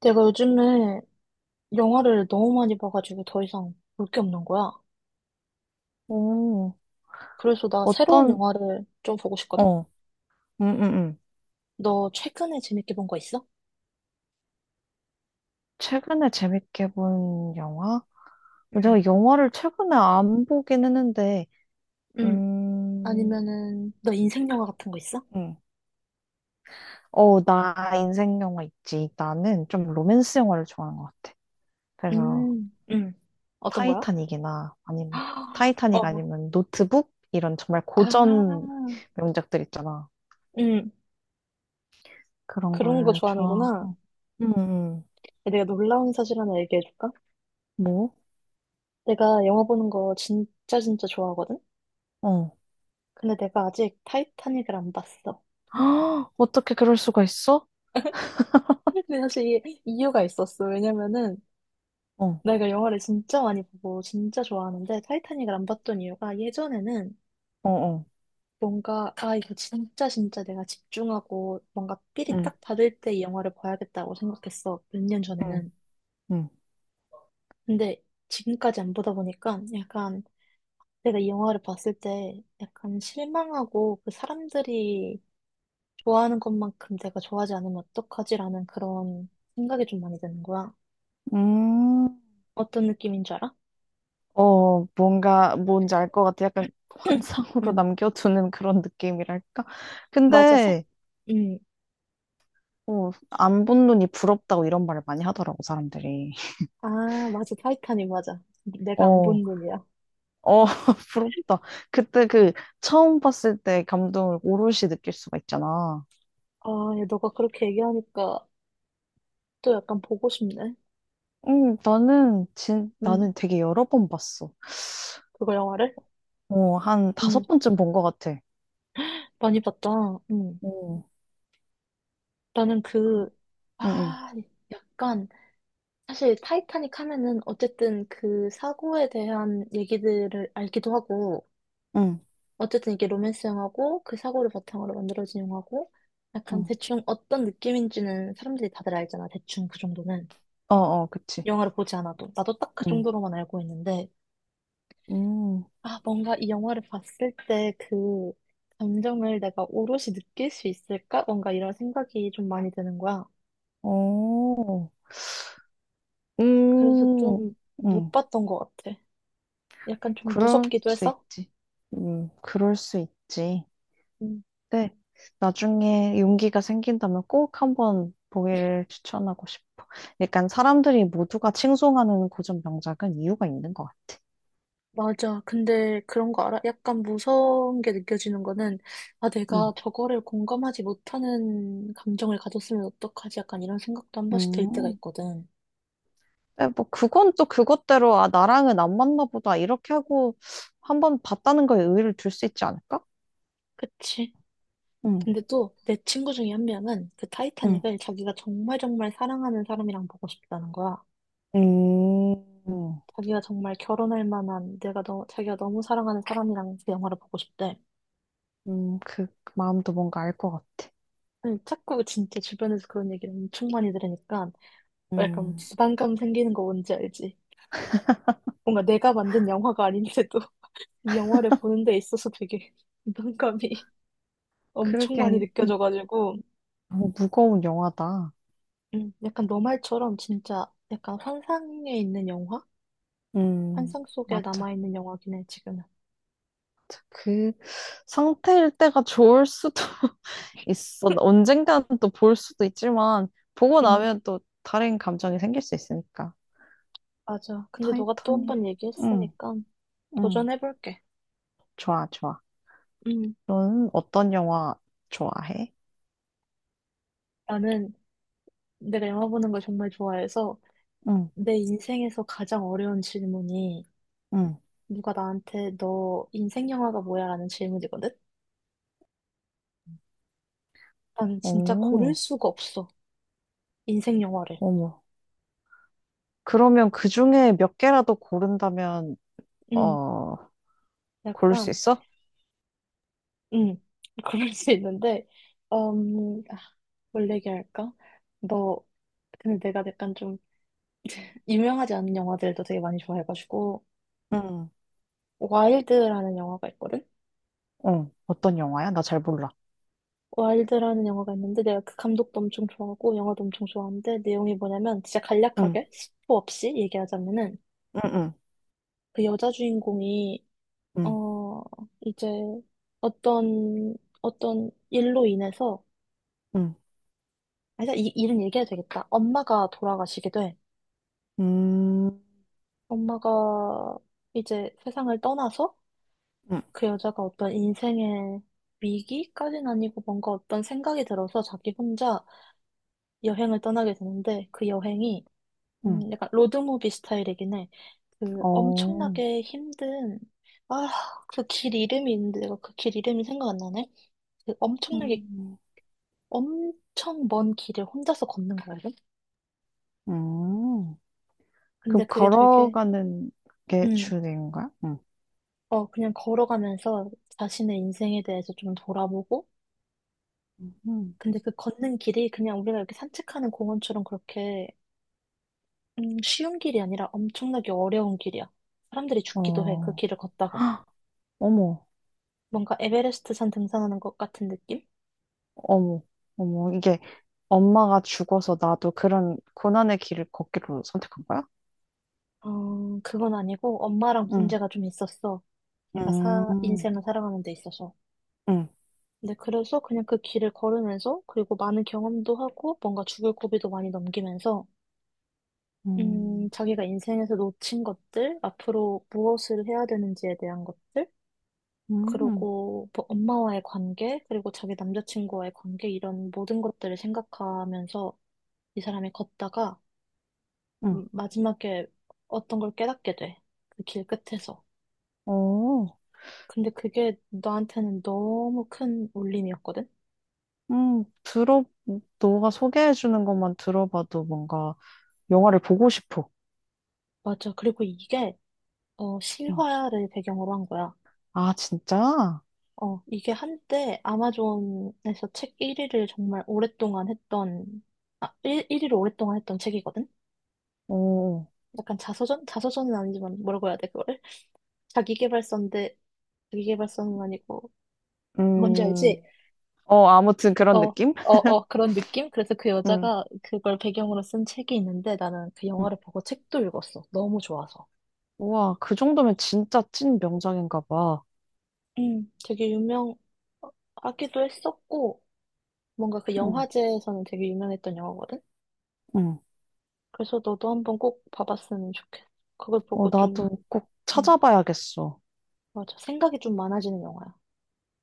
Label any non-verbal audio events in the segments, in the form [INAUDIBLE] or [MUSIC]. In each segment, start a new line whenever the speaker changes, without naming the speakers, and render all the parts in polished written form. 내가 요즘에 영화를 너무 많이 봐가지고 더 이상 볼 게 없는 거야.
오,
그래서 나 새로운
어떤,
영화를 좀 보고 싶거든?
어, 음, 음, 음.
너 최근에 재밌게 본 거 있어?
최근에 재밌게 본 영화?
응,
내가 영화를 최근에 안 보긴 했는데,
응.
음,
아니면은, 너 인생 영화 같은 거 있어?
음. 어, 나 인생 영화 있지. 나는 좀 로맨스 영화를 좋아하는 것 같아. 그래서
응. 어떤 거야?
타이타닉이나 아니면,
[GASPS]
타이타닉
어,
아니면 노트북? 이런 정말
아,
고전 명작들 있잖아.
응.
그런
그런 거
걸
좋아하는구나.
좋아하고. 음, 음.
내가 놀라운 사실 하나 얘기해줄까?
뭐?
내가 영화 보는 거 진짜 진짜 좋아하거든?
어.
근데 내가 아직 타이타닉을 안 봤어.
[GASPS] 어떻게 그럴 수가 있어?
근데 사실 이게 이유가 있었어. 왜냐면은,
어,
내가 영화를 진짜 많이 보고 진짜 좋아하는데 타이타닉을 안 봤던 이유가 예전에는
어, 어.
뭔가 아 이거 진짜 진짜 내가 집중하고 뭔가 필이
응,
딱 받을 때 이 영화를 봐야겠다고 생각했어 몇 년
응,
전에는.
응.
근데 지금까지 안 보다 보니까 약간 내가 이 영화를 봤을 때 약간 실망하고 그 사람들이 좋아하는 것만큼 내가 좋아하지 않으면 어떡하지라는 그런 생각이 좀 많이 드는 거야.
음,
어떤 느낌인 줄 알아?
뭔지 알 것 같아. 약간
[CLEARS THROAT]
환상으로
응.
남겨두는 그런 느낌이랄까?
맞아서?
근데,
응.
안 본 눈이 부럽다고 이런 말을 많이 하더라고, 사람들이.
아, 맞아. 타이타닉 맞아. 내가 안
어,
본 눈이야.
어, [LAUGHS] 부럽다. 그때 처음 봤을 때 감동을 오롯이 느낄 수가 있잖아.
아, 야, 너가 그렇게 얘기하니까 또 약간 보고 싶네.
응, 나는, 진,
응,
나는 되게 여러 번 봤어.
그거 영화를?
어, 한
응,
다섯 번쯤 본 것 같아.
많이 봤다. 응.
어,
나는
그,
그,
응,
아, 약간, 사실 타이타닉 하면은 어쨌든 그 사고에 대한 얘기들을 알기도 하고,
응, 응,
어쨌든 이게 로맨스 영화고, 그 사고를 바탕으로 만들어진 영화고, 약간
응.
대충 어떤 느낌인지는 사람들이 다들 알잖아. 대충 그 정도는.
어, 어, 그치.
영화를 보지 않아도. 나도 딱 그
응.
정도로만 알고 있는데,
음.
아, 뭔가 이 영화를 봤을 때 그 감정을 내가 오롯이 느낄 수 있을까? 뭔가 이런 생각이 좀 많이 드는 거야.
어,
그래서 좀
음,
못
음,
봤던 것 같아. 약간 좀
그럴
무섭기도
수
해서.
있지. 그럴 수 있지.
음,
네, 나중에 용기가 생긴다면 꼭 한번 보기를 추천하고 싶어. 약간 사람들이 모두가 칭송하는 고전 명작은 이유가 있는 것 같아.
맞아. 근데 그런 거 알아? 약간 무서운 게 느껴지는 거는, 아,
음,
내가 저거를 공감하지 못하는 감정을 가졌으면 어떡하지? 약간 이런 생각도 한 번씩 들 때가
음.
있거든.
네, 뭐 그건 또 그것대로 아 나랑은 안 맞나 보다 이렇게 하고 한번 봤다는 거에 의의를 둘 수 있지 않을까?
그치.
음,
근데 또 내 친구 중에 한 명은 그
음,
타이타닉을 자기가 정말 정말 사랑하는 사람이랑 보고 싶다는 거야.
음,
자기가 정말 결혼할 만한 내가 너, 자기가 너무 사랑하는 사람이랑 그 영화를 보고 싶대.
그 마음도 뭔가 알 것 같아.
아니, 자꾸 진짜 주변에서 그런 얘기를 엄청 많이 들으니까 약간
음,
부담감 생기는 거 뭔지 알지? 뭔가 내가 만든 영화가 아닌데도 [LAUGHS] 이 영화를 보는 데 있어서 되게 [LAUGHS] 부담감이 [LAUGHS] 엄청
그렇게
많이 느껴져가지고.
너무 무거운 영화다.
약간 너 말처럼 진짜 약간 환상에 있는 영화? 환상 속에
맞아.
남아있는 영화긴 해, 지금은.
그 상태일 때가 좋을 수도 [LAUGHS] 있어. 언젠가는 또 볼 수도 있지만 보고
응,
나면 또 다른 감정이 생길 수 있으니까.
맞아. 근데 너가 또 한
타이타닉.
번
응,
얘기했으니까
응.
도전해볼게.
좋아, 좋아.
응.
너는 어떤 영화 좋아해?
나는 내가 영화 보는 걸 정말 좋아해서
응,
내 인생에서 가장 어려운 질문이
응.
누가 나한테 너 인생 영화가 뭐야? 라는 질문이거든? 나는 진짜 고를
오,
수가 없어. 인생 영화를.
어머. 그러면 그 중에 몇 개라도 고른다면
음,
어, 고를 수
약간,
있어?
음, [LAUGHS] 그럴 수 있는데, 아, 뭘 얘기할까? 너, 근데 내가 약간 좀 유명하지 않은 영화들도 되게 많이 좋아해가지고,
응.
와일드라는 영화가 있거든?
어, 어떤 영화야? 나 잘 몰라.
와일드라는 영화가 있는데 내가 그 감독도 엄청 좋아하고 영화도 엄청 좋아하는데 내용이 뭐냐면 진짜
응,
간략하게 스포 없이 얘기하자면은
응, 응,
그 여자 주인공이
응,
어 이제 어떤 어떤 일로 인해서
응,
아니 이 일은 얘기해도 되겠다. 엄마가 돌아가시게 돼.
음,
엄마가 이제 세상을 떠나서
응,
그 여자가 어떤 인생의 위기까지는 아니고 뭔가 어떤 생각이 들어서 자기 혼자 여행을 떠나게 되는데 그 여행이
응,
약간 로드무비 스타일이긴 해. 그
어,
엄청나게 힘든, 아, 그 길 이름이 있는데 내가 그 길 이름이 생각 안 나네? 그 엄청나게,
음,
엄청 먼 길을 혼자서 걷는 거거든?
음. 그럼
근데 그게 되게,
걸어가는 게
음,
주인공인가요? 응,
어, 그냥 걸어가면서 자신의 인생에 대해서 좀 돌아보고,
음,
근데 그 걷는 길이 그냥 우리가 이렇게 산책하는 공원처럼 그렇게, 쉬운 길이 아니라 엄청나게 어려운 길이야. 사람들이 죽기도 해, 그
어,
길을
[GASPS]
걷다가.
헉, 어머,
뭔가 에베레스트 산 등산하는 것 같은 느낌?
어머, 어머, 이게 엄마가 죽어서 나도 그런 고난의 길을 걷기로 선택한 거야?
어, 그건 아니고 엄마랑
응,
문제가 좀 있었어. 제가
음,
인생을 살아가는 데 있어서.
응,
근데 그래서 그냥 그 길을 걸으면서 그리고 많은 경험도 하고 뭔가 죽을 고비도 많이 넘기면서
음,
자기가 인생에서 놓친 것들, 앞으로 무엇을 해야 되는지에 대한 것들,
응, 응,
그리고 뭐 엄마와의 관계, 그리고 자기 남자친구와의 관계 이런 모든 것들을 생각하면서 이 사람이 걷다가
음,
마지막에 어떤 걸 깨닫게 돼. 그 길 끝에서.
어.
근데 그게 나한테는 너무 큰 울림이었거든?
음, 들어, 너가 소개해주는 것만 들어봐도 뭔가 영화를 보고 싶어.
맞아. 그리고 이게, 어,
음.
실화를 배경으로 한 거야.
아, 진짜?
어, 이게 한때 아마존에서 책 1위를 정말 오랫동안 했던, 1위를 오랫동안 했던 책이거든?
어,
약간 자서전? 자서전은 아니지만 뭐라고 해야 돼, 그거를? 자기계발서인데, 자기계발서는 아니고, 뭔지
음,
알지?
아무튼
어,
그런
어,
느낌?
어, 그런 느낌? 그래서 그
음,
여자가 그걸 배경으로 쓴 책이 있는데 나는 그
음.
영화를 보고 책도 읽었어. 너무 좋아서.
우와, 그 정도면 진짜 찐 명작인가 봐.
되게 유명하기도 했었고, 뭔가 그
음,
영화제에서는 되게 유명했던 영화거든?
음.
그래서 너도 한번 꼭 봐봤으면 좋겠어. 그걸
어,
보고 좀,
나도 꼭
음,
찾아봐야겠어.
맞아. 생각이 좀 많아지는 영화야.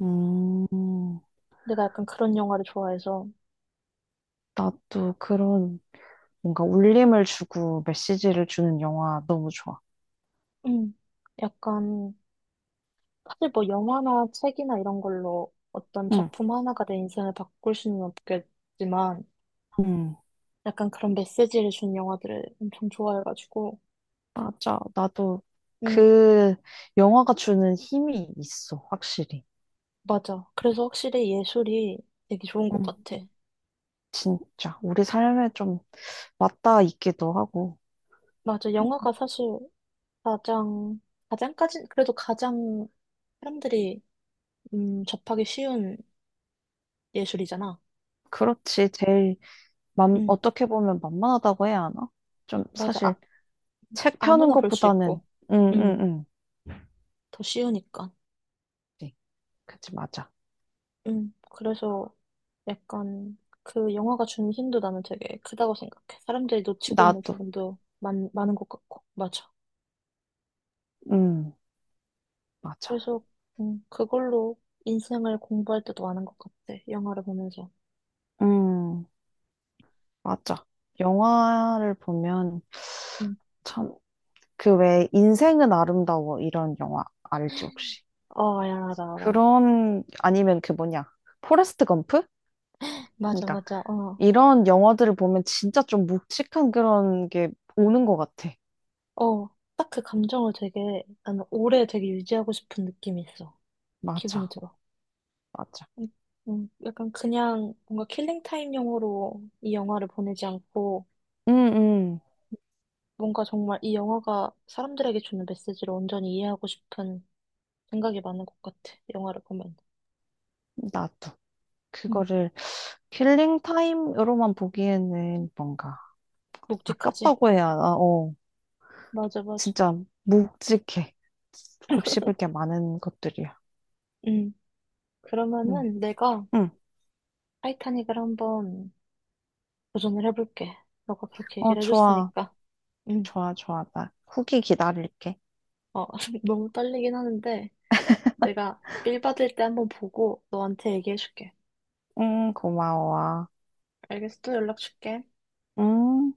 음,
내가 약간 그런 영화를 좋아해서,
나도 그런 뭔가 울림을 주고 메시지를 주는 영화 너무 좋아.
음, 약간, 사실 뭐 영화나 책이나 이런 걸로 어떤
응,
작품 하나가 내 인생을 바꿀 수는 없겠지만,
음.
약간 그런 메시지를 준 영화들을 엄청 좋아해가지고,
맞아. 나도
음,
그 영화가 주는 힘이 있어, 확실히.
맞아. 그래서 확실히 예술이 되게 좋은 것
응.
같아.
진짜. 우리 삶에 좀 맞닿아 있기도 하고.
맞아. 영화가 사실 가장, 가장까지, 그래도 가장 사람들이, 접하기 쉬운 예술이잖아.
그렇지. 제일,
응,
어떻게 보면 만만하다고 해야 하나? 좀
맞아.
사실
아,
책 펴는
아무나 볼 수
것보다는,
있고,
응, 응,
응,
응.
더 쉬우니까.
그치, 그치, 맞아.
응, 그래서 약간 그 영화가 준 힘도 나는 되게 크다고 생각해. 사람들이 놓치고 있는
나도,
부분도 많은 것 같고, 맞아.
응, 맞아.
그래서, 그걸로 인생을 공부할 때도 많은 것 같아. 영화를 보면서.
응, 맞아. 영화를 보면
응,
참, 그 왜 인생은 아름다워 이런 영화 알지, 혹시?
어, 알아, 알아, 알아.
그런 아니면 그 뭐냐 포레스트 검프?
맞아,
그러니까
맞아, 어.
이런 영화들을 보면 진짜 좀 묵직한 그런 게 오는 것 같아.
어, 딱 그 감정을 되게, 나는 오래 되게 유지하고 싶은 느낌이 있어. 기분이
맞아,
들어.
맞아.
음, 약간 그냥 뭔가 킬링타임용으로 이 영화를 보내지 않고,
응 응
뭔가 정말 이 영화가 사람들에게 주는 메시지를 온전히 이해하고 싶은 생각이 많은 것 같아. 영화를 보면.
나도
음,
그거를 킬링 타임으로만 보기에는 뭔가
묵직하지?
아깝다고 해야 하나? 어,
맞아, 맞아.
진짜 묵직해.
[LAUGHS]
곱씹을 게 많은 것들이야.
음,
응,
그러면은 내가
응.
타이타닉을 한번 도전을 해볼게. 너가 그렇게
어,
얘기를
좋아,
해줬으니까. 음,
좋아, 좋아. 나 후기 기다릴게.
어, [LAUGHS] 너무 떨리긴 하는데. 내가 빌 받을 때 한번 보고 너한테 얘기해줄게.
응, 고마워.
알겠어? 또 연락 줄게.
음.